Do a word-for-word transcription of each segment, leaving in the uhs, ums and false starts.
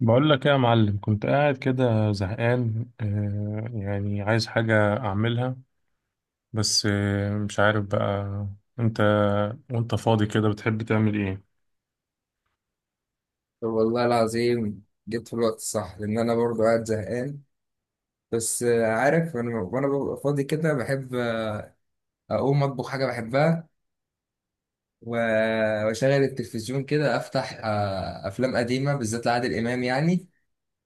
بقول لك ايه يا معلم، كنت قاعد كده زهقان، آه يعني عايز حاجة أعملها، بس آه مش عارف بقى. أنت وأنت فاضي كده بتحب تعمل إيه؟ طب والله العظيم، جبت في الوقت الصح، لأن أنا برضو قاعد زهقان. بس آه، عارف، أنا وأنا ببقى فاضي كده بحب آه، أقوم أطبخ حاجة بحبها، و- وأشغل التلفزيون كده، أفتح آه، أفلام قديمة بالذات لعادل إمام، يعني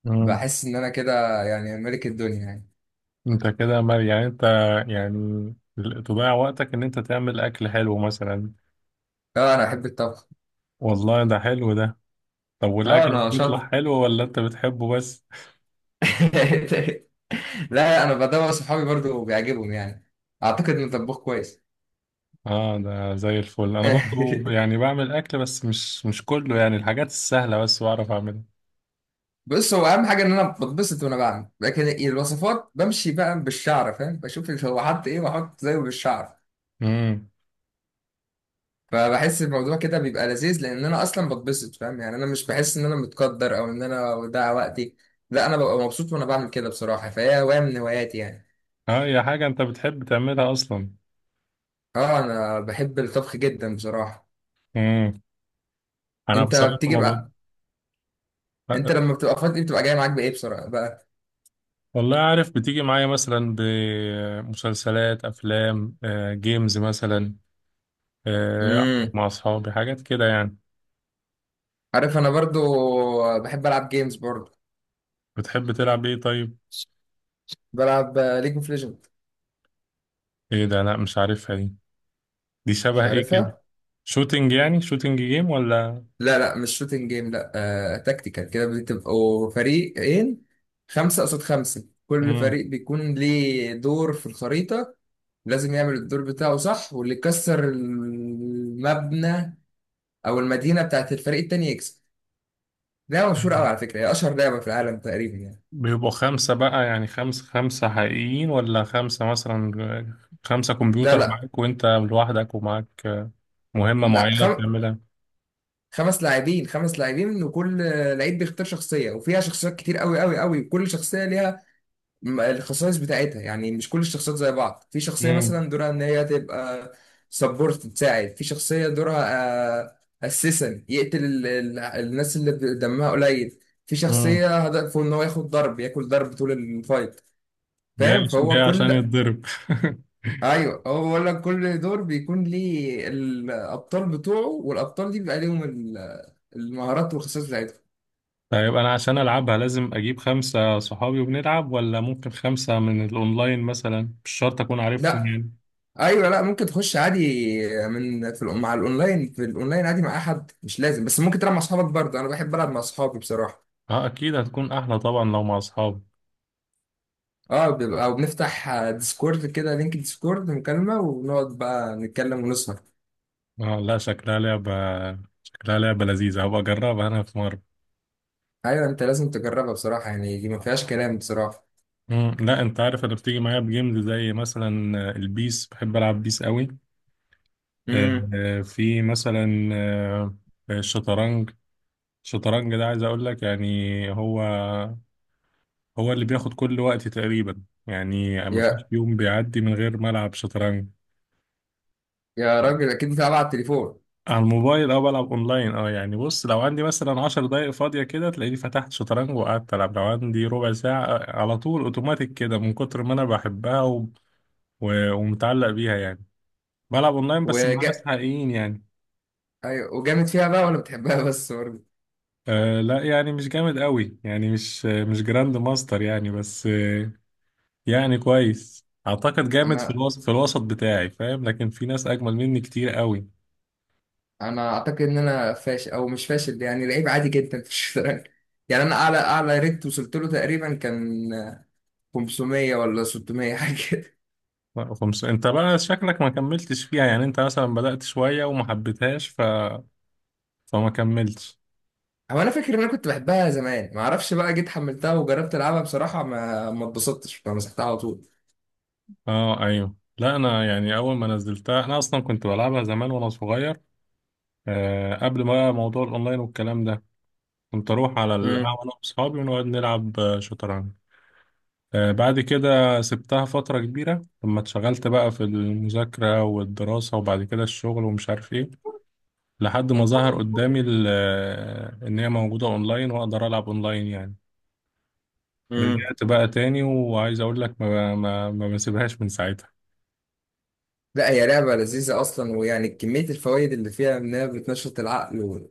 مم. بحس إن أنا كده يعني ملك الدنيا يعني. أنت كده مر- يعني أنت يعني تضيع وقتك إن أنت تعمل أكل حلو مثلا. أه، أنا بحب الطبخ. والله ده حلو ده. طب أه، والأكل أنا شاطر. بيطلع حلو ولا أنت بتحبه بس؟ لا، أنا بدور صحابي برضو بيعجبهم، يعني أعتقد إن طباخ كويس. آه، ده زي الفل. أنا برضو يعني بعمل أكل بس مش مش كله، يعني الحاجات السهلة بس بعرف بص، هو اهم حاجه ان انا بتبسط وانا بعمل. لكن الوصفات بمشي بقى بالشعر، فاهم؟ بشوف هو حط ايه واحط زيه بالشعر. أعملها. فبحس الموضوع كده بيبقى لذيذ، لان انا اصلا بتبسط، فاهم؟ يعني انا مش بحس ان انا متقدر، او ان انا وده وقتي. لا، انا ببقى مبسوط وانا بعمل كده بصراحه، فهي هوايه من هواياتي يعني. اه، هي حاجة انت بتحب تعملها اصلا. اه، انا بحب الطبخ جدا بصراحه. امم انا انت بصراحة بتيجي ما بقى. بقى انت لما بتبقى فاضي، بتبقى جاي معاك بايه بصراحه بقى؟ والله عارف، بتيجي معايا مثلا بمسلسلات افلام آه، جيمز مثلا، آه، أقعد امم. مع اصحابي، حاجات كده يعني. عارف، انا برضو بحب العب جيمز برضو. بتحب تلعب ايه طيب؟ بلعب ليج اوف ليجند. ايه ده؟ لا مش عارفها دي دي مش شبه ايه كده؟ عارفها. شوتينج، يعني شوتينج جيم ولا؟ لا لا، مش شوتنج جيم. لا، آه تكتيكال كده، بتبقوا فريقين، خمسة قصاد خمسة، كل امم. فريق بيكون ليه دور في الخريطة، لازم يعمل الدور بتاعه صح، واللي يكسر المبنى أو المدينة بتاعت الفريق التاني يكسب. لعبة مشهورة أوي على فكرة، هي أشهر لعبة في العالم تقريبا يعني. بيبقوا خمسة بقى، يعني خمسة خمسة حقيقيين، ولا خمسة مثلا خمسة لا كمبيوتر لا معاك وانت لوحدك ومعاك مهمة لا. معينة خم... بتعملها؟ خمس لاعبين، خمس لاعبين، وكل لعيب بيختار شخصية، وفيها شخصيات كتير أوي أوي أوي، وكل شخصية ليها م- الخصائص بتاعتها، يعني مش كل الشخصيات زي بعض. في شخصية امم. مثلا دورها ان هي تبقى سبورت تساعد، في شخصية دورها اسيسن يقتل ال ال الناس اللي ب- دمها قليل، في امم. شخصية هدفه ان هو ياخد ضرب، ياكل ضرب طول الفايت، جاي فاهم؟ عشان جاي فهو عشان كل يتضرب ايوه، هو بقول لك، كل دور بيكون ليه الابطال بتوعه، والابطال دي بيبقى ليهم ال- المهارات والخصائص بتاعتهم. طيب انا عشان العبها لازم اجيب خمسة صحابي وبنلعب، ولا ممكن خمسة من الاونلاين مثلا مش شرط اكون عارفهم لا، يعني؟ ايوه، لا، ممكن تخش عادي. من في الأون- مع الاونلاين، في الاونلاين عادي، مع احد مش لازم. بس ممكن تلعب مع اصحابك برضه، انا بحب العب مع اصحابي بصراحه. اه اكيد هتكون احلى طبعا لو مع اصحابي. اه، بيبقى او بنفتح آه، ديسكورد كده، لينك ديسكورد مكالمه، ونقعد بقى نتكلم ونسهر. اه لا، شكلها لعبة شكلها لعبة لذيذة، هبقى اجربها انا في مرة. ايوه، انت لازم تجربها بصراحه يعني، دي ما فيهاش كلام بصراحه. مم. لا انت عارف، انا بتيجي معايا بجيمز زي مثلا آه، البيس، بحب العب بيس قوي. آه، امم. آه، في مثلا آه، آه، الشطرنج الشطرنج ده، عايز اقول لك يعني هو هو اللي بياخد كل وقتي تقريبا، يعني مفيش يا يوم بيعدي من غير ما العب شطرنج. يا راجل، اكيد بتلعب على التليفون. على الموبايل او بلعب اونلاين. اه يعني بص، لو عندي مثلا عشر دقايق فاضية كده تلاقيني فتحت شطرنج وقعدت العب، لو عندي ربع ساعة آه، على طول اوتوماتيك كده، من كتر ما انا بحبها و... و... ومتعلق بيها يعني. بلعب اونلاين بس مع ناس وجا حقيقيين يعني. ايوه، وجامد فيها بقى ولا بتحبها؟ بس برضه. آه لا يعني، مش جامد قوي يعني، مش مش جراند ماستر يعني، بس آه يعني كويس اعتقد. جامد في انا الوسط في الوسط بتاعي، فاهم؟ لكن في ناس اجمل مني كتير قوي. انا اعتقد ان انا فاشل، او مش فاشل يعني، لعيب عادي جدا في الشطرنج. يعني انا اعلى اعلى ريت وصلت له تقريبا كان خمس مية ولا ستمية، حاجه كده. لا خمسة، انت بقى شكلك ما كملتش فيها، يعني انت مثلا بدأت شوية وما حبيتهاش ف... فما كملتش. هو انا فاكر ان انا كنت بحبها زمان، ما اعرفش بقى، جيت حملتها وجربت العبها بصراحه ما ما اتبسطتش، فمسحتها على طول. اه ايوه. لا انا يعني اول ما نزلتها، انا اصلا كنت بلعبها زمان وانا صغير. آه قبل ما موضوع الاونلاين والكلام ده، كنت اروح على امم. القهوة انا واصحابي ونقعد نلعب آه، شطرنج. آه بعد كده سبتها فترة كبيرة، لما اتشغلت بقى في المذاكرة والدراسة، وبعد كده الشغل، ومش عارف ايه. لحد ما ظهر قدامي ال- آه، ان هي موجودة اونلاين، واقدر العب اونلاين يعني. امم. رجعت بقى تاني، وعايز اقول لك ما ما ما بسيبهاش من ساعتها. لا، هي لعبه لذيذه اصلا، ويعني كميه الفوائد اللي فيها انها بتنشط العقل،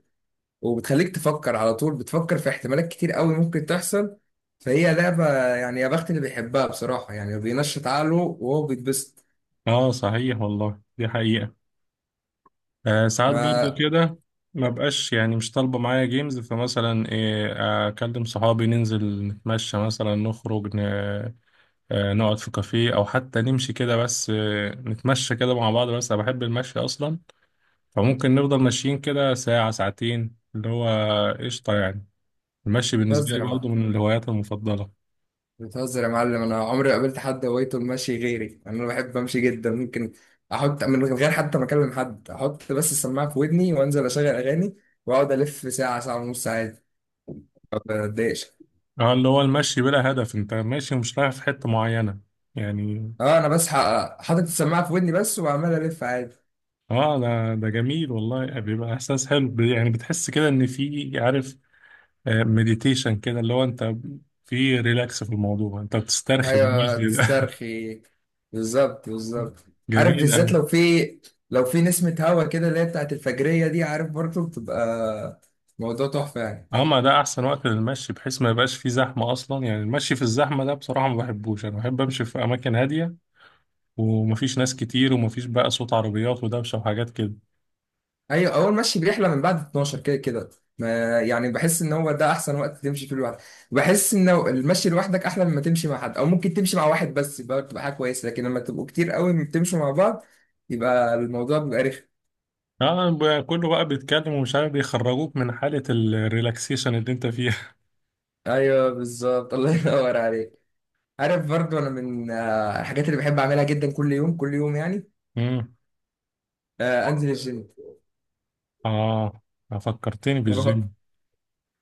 وبتخليك تفكر على طول، بتفكر في احتمالات كتير قوي ممكن تحصل. فهي لعبة يعني يا بخت اللي بيحبها بصراحة، يعني بينشط عقله وهو بيتبسط. اه صحيح والله، دي حقيقة. آه ساعات برضو ما- كده ما بقاش، يعني مش طالبة معايا جيمز، فمثلا إيه، اكلم صحابي ننزل نتمشى مثلا نخرج ن... آه نقعد في كافيه او حتى نمشي كده، بس آه نتمشى كده مع بعض. بس انا بحب المشي اصلا. فممكن نفضل ماشيين كده ساعة ساعتين، اللي هو قشطة يعني. المشي بالنسبة بتهزر لي يا معلم! برضو من الهوايات المفضلة. بتهزر يا معلم! أنا عمري ما قابلت حد هوايته المشي غيري، أنا بحب أمشي جدا، ممكن أحط من غير حتى ما أكلم حد، أحط بس السماعة في ودني وأنزل أشغل أغاني، وأقعد ألف ساعة، ساعة ونص عادي، ما بتضايقش. اه، اللي هو المشي بلا هدف، انت ماشي ومش رايح في حتة معينة يعني. أه، أنا بس ح- حاطط السماعة في ودني بس، وعمال ألف عادي. اه، ده ده جميل والله، بيبقى احساس حلو ب- يعني بتحس كده ان في، عارف، مديتيشن كده، اللي هو انت في ريلاكس في الموضوع، انت بتسترخي ايوه، بالميز كده. تسترخي، بالظبط بالظبط. عارف، جميل بالذات قوي. لو في لو في نسمة هوا كده، اللي هي بتاعت الفجرية دي، عارف برضه، بتبقى موضوع تحفة يعني. اه، ما ده احسن وقت للمشي، بحيث ما يبقاش فيه زحمة اصلا. يعني المشي في الزحمة ده بصراحة ما بحبوش، انا بحب امشي في اماكن هادية، ومفيش ناس كتير، ومفيش بقى صوت عربيات ودوشة وحاجات كده. ايوه، اول مشي بيحلى من بعد اتناشر، كده كده، ما يعني، بحس ان هو ده احسن وقت تمشي فيه لوحدك. بحس ان المشي لوحدك احلى مما تمشي مع حد، او ممكن تمشي مع واحد بس، يبقى بتبقى حاجة كويسة. لكن لما تبقوا كتير قوي بتمشوا مع بعض، يبقى الموضوع بيبقى رخم. اه، ب- كله بقى بيتكلم ومش عارف، بيخرجوك من حالة الريلاكسيشن اللي انت فيها ايوه، بالظبط. الله ينور عليك. عارف، برضو انا من آه، الحاجات اللي بحب اعملها جدا كل يوم، كل يوم يعني، امم. آه، انزل الجيم. اه، اه، فكرتني ما بف... بالجيم.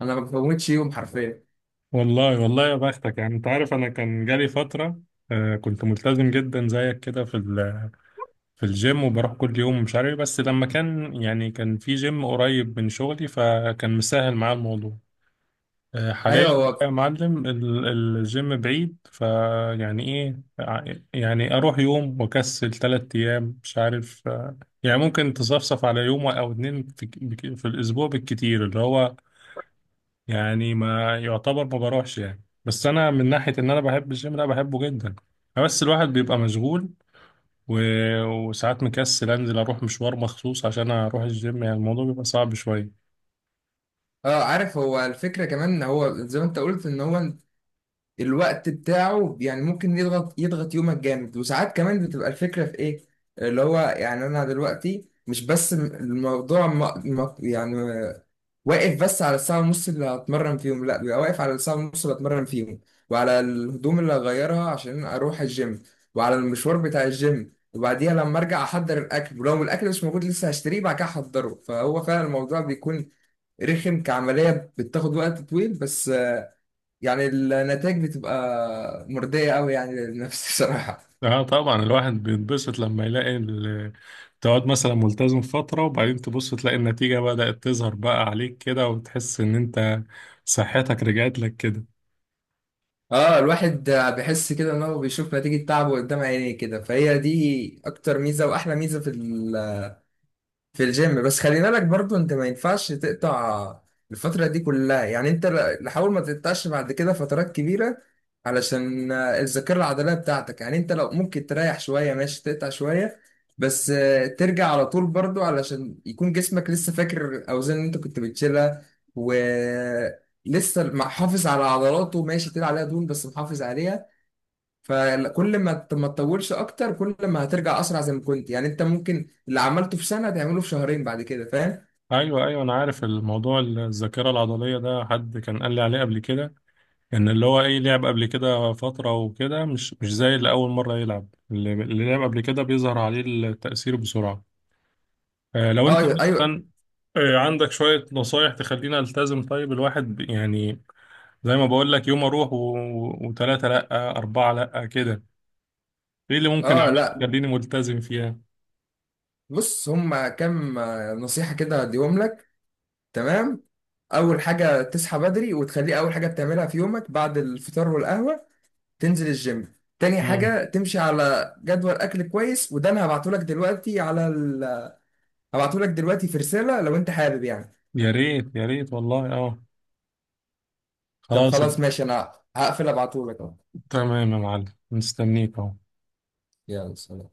انا ما بفوتش يوم حرفيا. والله والله يا بختك، يعني انت عارف، انا كان جالي فترة. آه كنت ملتزم جدا زيك كده في ال- في الجيم، وبروح كل يوم مش عارف إيه، بس لما كان يعني كان في جيم قريب من شغلي، فكان مسهل معايا الموضوع. آه، حاليا ايوه. بقى يا هو معلم ال- الجيم بعيد، فيعني ايه ع- يعني اروح يوم واكسل تلات ايام مش عارف، آه، يعني ممكن تصفصف على يوم او اتنين في, ك- بك- في الاسبوع بالكتير، اللي هو يعني ما يعتبر ما بروحش يعني، بس انا من ناحية ان انا بحب الجيم، لا بحبه جدا. بس الواحد بيبقى مشغول، و- وساعات مكسل انزل اروح مشوار مخصوص عشان اروح الجيم، يعني الموضوع بيبقى صعب شوية. اه، عارف، هو الفكره كمان ان هو زي ما انت قلت، ان هو الوقت بتاعه يعني ممكن يضغط يضغط يومك جامد. وساعات كمان بتبقى الفكرة في ايه، اللي هو يعني، انا دلوقتي مش بس م- الموضوع، م- م- يعني، واقف بس على الساعة ونص اللي هتمرن فيهم، لا بيبقى واقف على الساعة ونص اللي هتمرن فيهم، وعلى الهدوم اللي هغيرها عشان اروح الجيم، وعلى المشوار بتاع الجيم، وبعديها لما ارجع احضر الاكل، ولو الاكل مش موجود لسه هشتريه بعد كده احضره. فهو فعلا الموضوع بيكون رخم كعملية، بتاخد وقت طويل، بس يعني النتائج بتبقى مرضية قوي يعني للنفس بصراحة. اه طبعا، الواحد بيتبسط لما يلاقي ال- تقعد مثلا ملتزم فترة، وبعدين تبص تلاقي النتيجة بدأت تظهر بقى عليك كده، وتحس ان انت صحتك رجعت لك كده. اه، الواحد بيحس كده ان هو بيشوف نتيجة تعبه قدام عينيه كده، فهي دي اكتر ميزة واحلى ميزة في في الجيم. بس خلي بالك برضو، انت ما ينفعش تقطع الفترة دي كلها، يعني انت ل- لحاول ما تقطعش بعد كده فترات كبيرة، علشان آه، الذاكرة العضلية بتاعتك، يعني انت لو ممكن تريح شوية ماشي، تقطع شوية بس آه، ترجع على طول برضو، علشان يكون جسمك لسه فاكر الأوزان اللي انت كنت بتشيلها، ولسه محافظ على عضلاته، ماشي تقيل عليها دهون بس محافظ عليها. فكل ما ت- ما تطولش اكتر، كل ما هترجع اسرع زي ما كنت، يعني انت ممكن اللي عملته في سنه تعمله في شهرين بعد كده، فاهم؟ ايوه، ايوه، انا عارف الموضوع. الذاكرة العضلية ده حد كان قال لي عليه قبل كده. ان اللي هو ايه، لعب قبل كده فترة وكده مش مش زي اللي اول مرة يلعب، اللي اللي لعب قبل كده بيظهر عليه التأثير بسرعة. آه، لو اه، انت ايوه، أيوة. مثلا آه، عندك شوية نصايح تخلينا التزم، طيب الواحد يعني، زي ما بقول لك يوم اروح و... وثلاثة لا أربعة لا كده، ايه اللي ممكن اه، اعمله لا، يخليني ملتزم فيها؟ بص هما كام آه، نصيحه كده هديهم لك. تمام. اول حاجه، تصحى بدري وتخليه اول حاجه بتعملها في يومك، بعد الفطار والقهوه تنزل الجيم. تاني امم. حاجه، تمشي على جدول اكل كويس، وده انا هبعته لك دلوقتي على ال... هبعته لك دلوقتي في رساله لو انت حابب يعني. يا ريت يا ريت والله، اه. طب خلاص. خلاص، ماشي، انا هقفل ابعته لك اهو. تمام يا معلم. مستنيك اهو. يلا سلام.